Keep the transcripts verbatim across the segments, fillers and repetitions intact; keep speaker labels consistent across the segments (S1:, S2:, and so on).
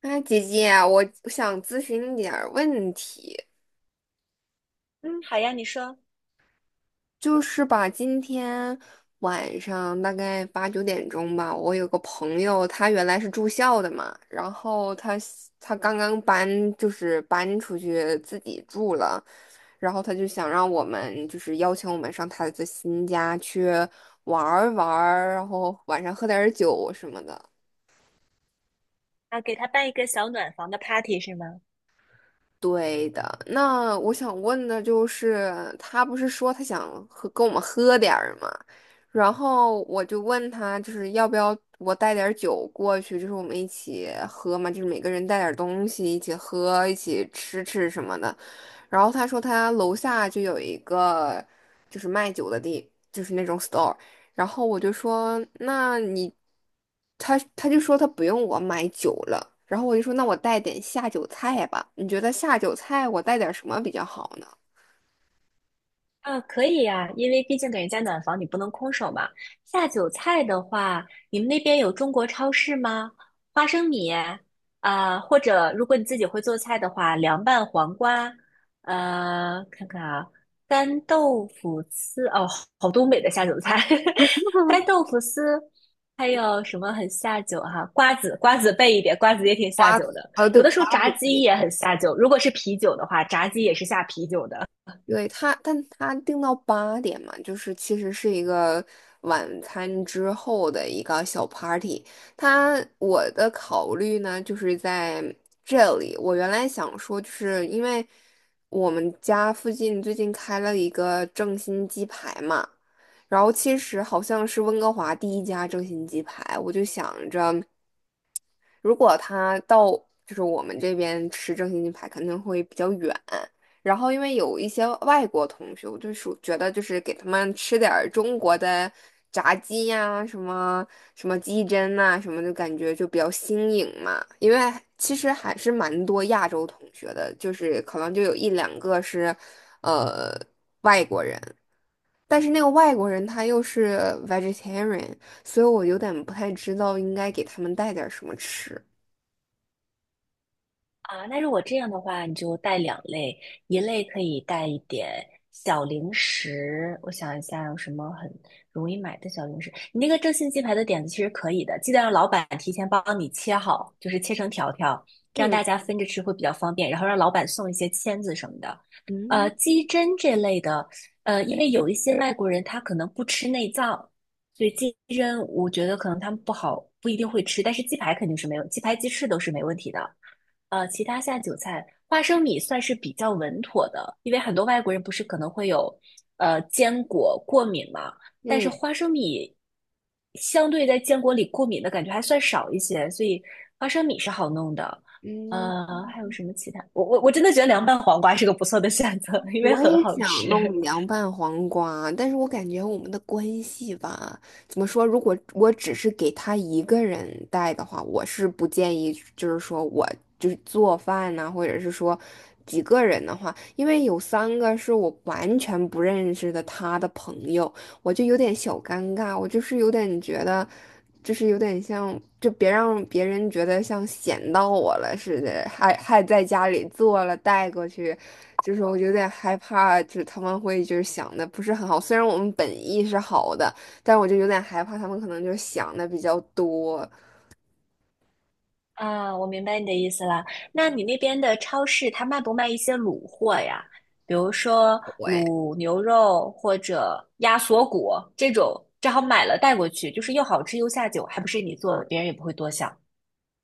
S1: 哎，姐姐啊，我想咨询你点儿问题，
S2: 嗯，好呀，你说
S1: 就是吧，今天晚上大概八九点钟吧，我有个朋友，他原来是住校的嘛，然后他他刚刚搬，就是搬出去自己住了，然后他就想让我们，就是邀请我们上他的新家去玩儿玩儿，然后晚上喝点儿酒什么的。
S2: 啊，给他办一个小暖房的 party 是吗？
S1: 对的，那我想问的就是，他不是说他想喝跟我们喝点儿吗？然后我就问他，就是要不要我带点儿酒过去，就是我们一起喝嘛，就是每个人带点儿东西一起喝，一起吃吃什么的。然后他说他楼下就有一个就是卖酒的地，就是那种 store。然后我就说那你，他他就说他不用我买酒了。然后我就说那我带点下酒菜吧，你觉得下酒菜我带点什么比较好呢？
S2: 啊，可以呀，因为毕竟给人家暖房，你不能空手嘛。下酒菜的话，你们那边有中国超市吗？花生米啊，或者如果你自己会做菜的话，凉拌黄瓜，呃，看看啊，干豆腐丝，哦，好东北的下酒菜，干 豆腐丝，还有什么很下酒哈、瓜子，瓜子备一点，瓜子也挺下
S1: 瓜
S2: 酒
S1: 子，
S2: 的。
S1: 呃，对，
S2: 有的时
S1: 瓜
S2: 候炸
S1: 子可
S2: 鸡
S1: 以。
S2: 也很下酒，如果是啤酒的话，炸鸡也是下啤酒的。
S1: 对他，但他定到八点嘛，就是其实是一个晚餐之后的一个小 party。他我的考虑呢，就是在这里。我原来想说，就是因为我们家附近最近开了一个正新鸡排嘛，然后其实好像是温哥华第一家正新鸡排，我就想着。如果他到就是我们这边吃正新鸡排，肯定会比较远。然后因为有一些外国同学，我就是觉得就是给他们吃点儿中国的炸鸡呀、什么什么鸡胗呐、什么的，感觉就比较新颖嘛。因为其实还是蛮多亚洲同学的，就是可能就有一两个是，呃，外国人。但是那个外国人他又是 vegetarian，所以我有点不太知道应该给他们带点儿什么吃。
S2: 啊，那如果这样的话，你就带两类，一类可以带一点小零食，我想一下有什么很容易买的小零食。你那个正新鸡排的点子其实可以的，记得让老板提前帮你切好，就是切成条条，这样
S1: 嗯
S2: 大家分着吃会比较方便。然后让老板送一些签子什么的。呃，
S1: 嗯
S2: 鸡胗这类的，呃，因为有一些外国人他可能不吃内脏，所以鸡胗我觉得可能他们不好，不一定会吃，但是鸡排肯定是没有，鸡排鸡翅都是没问题的。呃，其他下酒菜，花生米算是比较稳妥的，因为很多外国人不是可能会有呃坚果过敏嘛，但是
S1: 嗯
S2: 花生米相对在坚果里过敏的感觉还算少一些，所以花生米是好弄的。
S1: 嗯，
S2: 呃，还有什么其他？我我我真的觉得凉拌黄瓜是个不错的选择，因为
S1: 我
S2: 很
S1: 也
S2: 好
S1: 想
S2: 吃。
S1: 弄凉拌黄瓜，但是我感觉我们的关系吧，怎么说？如果我只是给他一个人带的话，我是不建议，就是说我就是做饭呐、或者是说几个人的话，因为有三个是我完全不认识的他的朋友，我就有点小尴尬，我就是有点觉得，就是有点像，就别让别人觉得像闲到我了似的，还还在家里做了带过去，就是我有点害怕，就是他们会就是想的不是很好，虽然我们本意是好的，但我就有点害怕他们可能就想的比较多，
S2: 啊，我明白你的意思了。那你那边的超市，它卖不卖一些卤货呀？比如说
S1: 对。
S2: 卤牛肉或者鸭锁骨这种，正好买了带过去，就是又好吃又下酒，还不是你做的，别人也不会多想。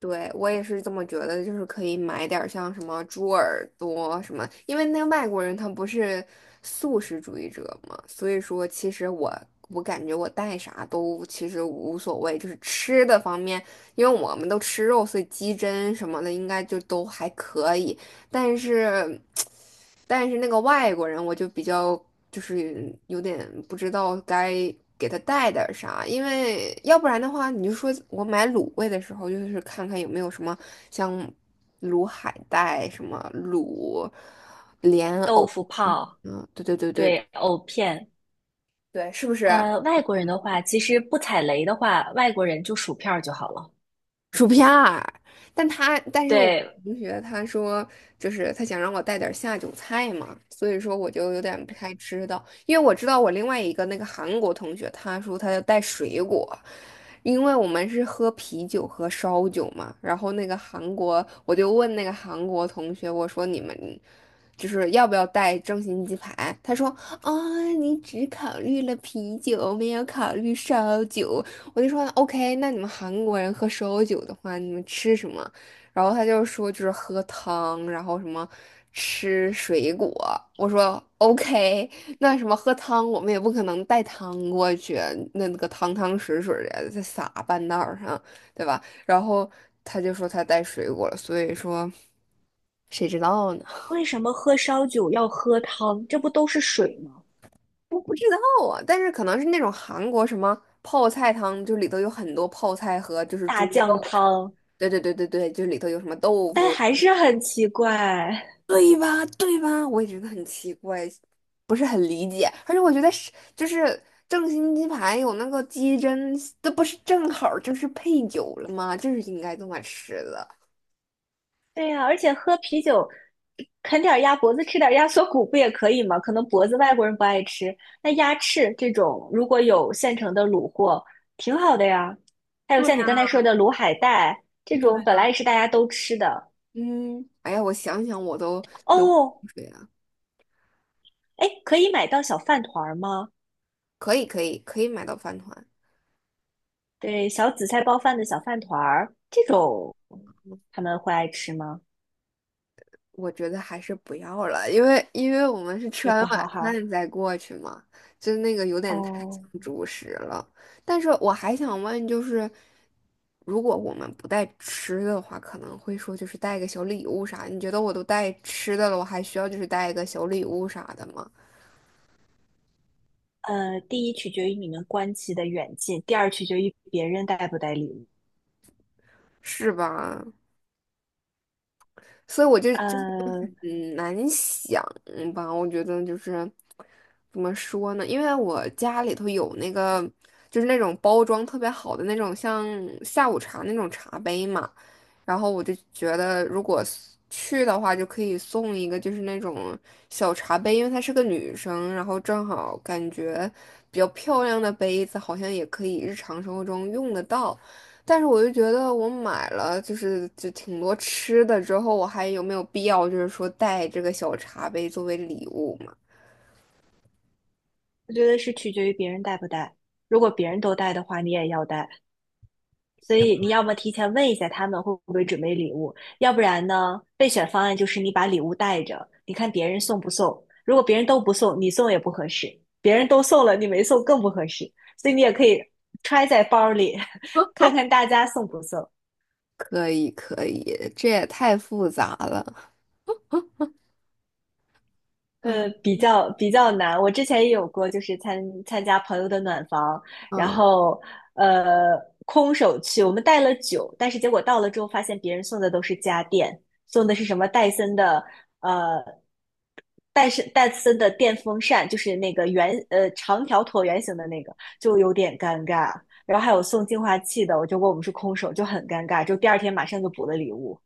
S1: 对，我也是这么觉得，就是可以买点儿像什么猪耳朵什么，因为那个外国人他不是素食主义者嘛，所以说其实我我感觉我带啥都其实无所谓，就是吃的方面，因为我们都吃肉，所以鸡胗什么的应该就都还可以。但是，但是那个外国人我就比较就是有点不知道该给他带点儿啥，因为要不然的话，你就说我买卤味的时候，就是看看有没有什么像卤海带、什么卤莲
S2: 豆
S1: 藕，
S2: 腐泡，
S1: 嗯，对对对对
S2: 对，藕片。
S1: 对，是不是？
S2: 呃，外国人的话，其实不踩雷的话，外国人就薯片儿就好了。
S1: 但他，但是我
S2: 对，
S1: 同学他说，就是他想让我带点儿下酒菜嘛，所以说我就有点不太知道，因为我知道我另外一个那个韩国同学，他说他要带水果，因为我们是喝啤酒和烧酒嘛，然后那个韩国，我就问那个韩国同学，我说你们就是要不要带正新鸡排？他说啊，你只考虑了啤酒，没有考虑烧酒，我就说 OK，那你们韩国人喝烧酒的话，你们吃什么？然后他就说就是喝汤，然后什么吃水果。我说 OK，那什么喝汤，我们也不可能带汤过去，那那个汤汤水水的再撒半道儿上，对吧？然后他就说他带水果了，所以说谁知道呢？
S2: 为什么喝烧酒要喝汤？这不都是水吗？
S1: 我不知道啊，但是可能是那种韩国什么泡菜汤，就里头有很多泡菜和就是
S2: 大
S1: 猪
S2: 酱
S1: 肉。
S2: 汤，
S1: 对对对对对，就里头有什么豆
S2: 但
S1: 腐，
S2: 还是很奇怪。
S1: 对吧？对吧？我也觉得很奇怪，不是很理解。而且我觉得是就是正新鸡排有那个鸡胗，这不是正好儿就是配酒了吗？就是应该这么吃的。
S2: 对呀，而且喝啤酒，啃点儿鸭脖子，吃点儿鸭锁骨不也可以吗？可能脖子外国人不爱吃，那鸭翅这种如果有现成的卤货，挺好的呀。还有
S1: 对呀，
S2: 像你刚才说的卤海带，这
S1: 对
S2: 种本
S1: 呀，
S2: 来也是大家都吃的。
S1: 嗯，哎呀，我想想我都流口
S2: 哦，
S1: 水了。
S2: 哎，可以买到小饭团儿吗？
S1: 可以可以可以买到饭团。
S2: 对，小紫菜包饭的小饭团儿，这种他们会爱吃吗？
S1: 我觉得还是不要了，因为因为我们是吃
S2: 也
S1: 完
S2: 不好
S1: 晚
S2: 哈。
S1: 饭再过去嘛，就那个有点太
S2: 哦，
S1: 像主食了。但是我还想问，就是如果我们不带吃的话，可能会说就是带个小礼物啥？你觉得我都带吃的了，我还需要就是带一个小礼物啥的吗？
S2: 呃，第一取决于你们关系的远近，第二取决于别人带不带礼物。
S1: 是吧？所以我就就
S2: 呃，
S1: 嗯，难想嗯吧？我觉得就是怎么说呢？因为我家里头有那个，就是那种包装特别好的那种，像下午茶那种茶杯嘛。然后我就觉得，如果 s- 去的话，就可以送一个就是那种小茶杯，因为她是个女生，然后正好感觉比较漂亮的杯子，好像也可以日常生活中用得到。但是我就觉得，我买了就是就挺多吃的之后，我还有没有必要就是说带这个小茶杯作为礼物嘛？
S2: 我觉得是取决于别人带不带。如果别人都带的话，你也要带。所以你要么提前问一下他们会不会准备礼物，要不然呢，备选方案就是你把礼物带着，你看别人送不送。如果别人都不送，你送也不合适；别人都送了，你没送更不合适。所以你也可以揣在包里，看看大家送不送。
S1: 可以，可以，这也太复杂了。嗯
S2: 呃，比较比较难。我之前也有过，就是参参加朋友的暖房，然
S1: 嗯。
S2: 后呃空手去，我们带了酒，但是结果到了之后发现别人送的都是家电，送的是什么戴森的呃戴森戴森的电风扇，就是那个圆呃长条椭圆形的那个，就有点尴尬。然后还有送净化器的，我就问我们是空手，就很尴尬，就第二天马上就补了礼物。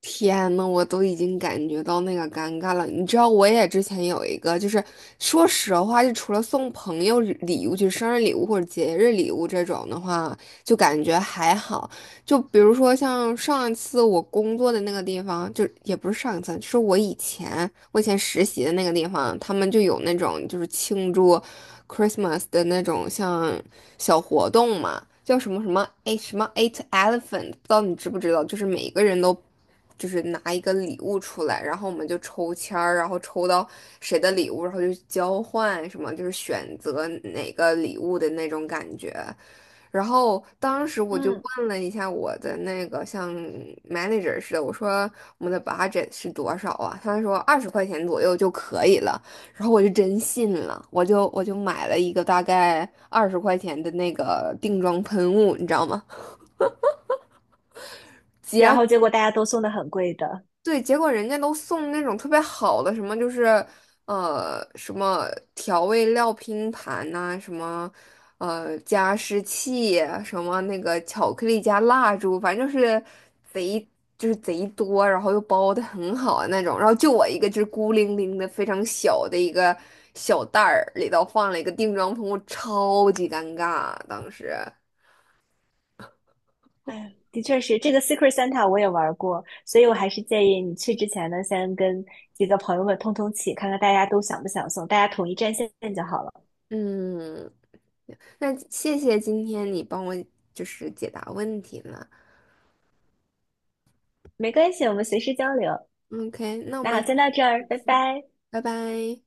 S1: 天呐，我都已经感觉到那个尴尬了。你知道，我也之前有一个，就是说实话，就除了送朋友礼礼物，就是生日礼物或者节日礼物这种的话，就感觉还好。就比如说像上一次我工作的那个地方，就也不是上一次，就是我以前我以前实习的那个地方，他们就有那种就是庆祝 Christmas 的那种像小活动嘛，叫什么什么哎什么 Eight Elephant，不知道你知不知道？就是每个人都就是拿一个礼物出来，然后我们就抽签儿，然后抽到谁的礼物，然后就交换什么，就是选择哪个礼物的那种感觉。然后当时我就
S2: 嗯，
S1: 问了一下我的那个像 manager 似的，我说我们的 budget 是多少啊？他说二十块钱左右就可以了。然后我就真信了，我就我就买了一个大概二十块钱的那个定妆喷雾，你知道吗？
S2: 然
S1: 结。
S2: 后结果大家都送的很贵的，
S1: 对，结果人家都送那种特别好的，什么就是呃什么调味料拼盘呐、什么呃加湿器，什么那个巧克力加蜡烛，反正就是贼就是贼多，然后又包的很好的那种。然后就我一个就是孤零零的非常小的一个小袋儿，里头放了一个定妆喷雾，超级尴尬当时。
S2: 哎，的确是这个 Secret Santa 我也玩过，所以我还是建议你去之前呢，先跟几个朋友们通通气，看看大家都想不想送，大家统一战线就好了。
S1: 嗯，那谢谢今天你帮我就是解答问题了。
S2: 没关系，我们随时交流。
S1: OK，那我
S2: 那好，
S1: 们
S2: 先到这儿，拜拜。
S1: 拜拜。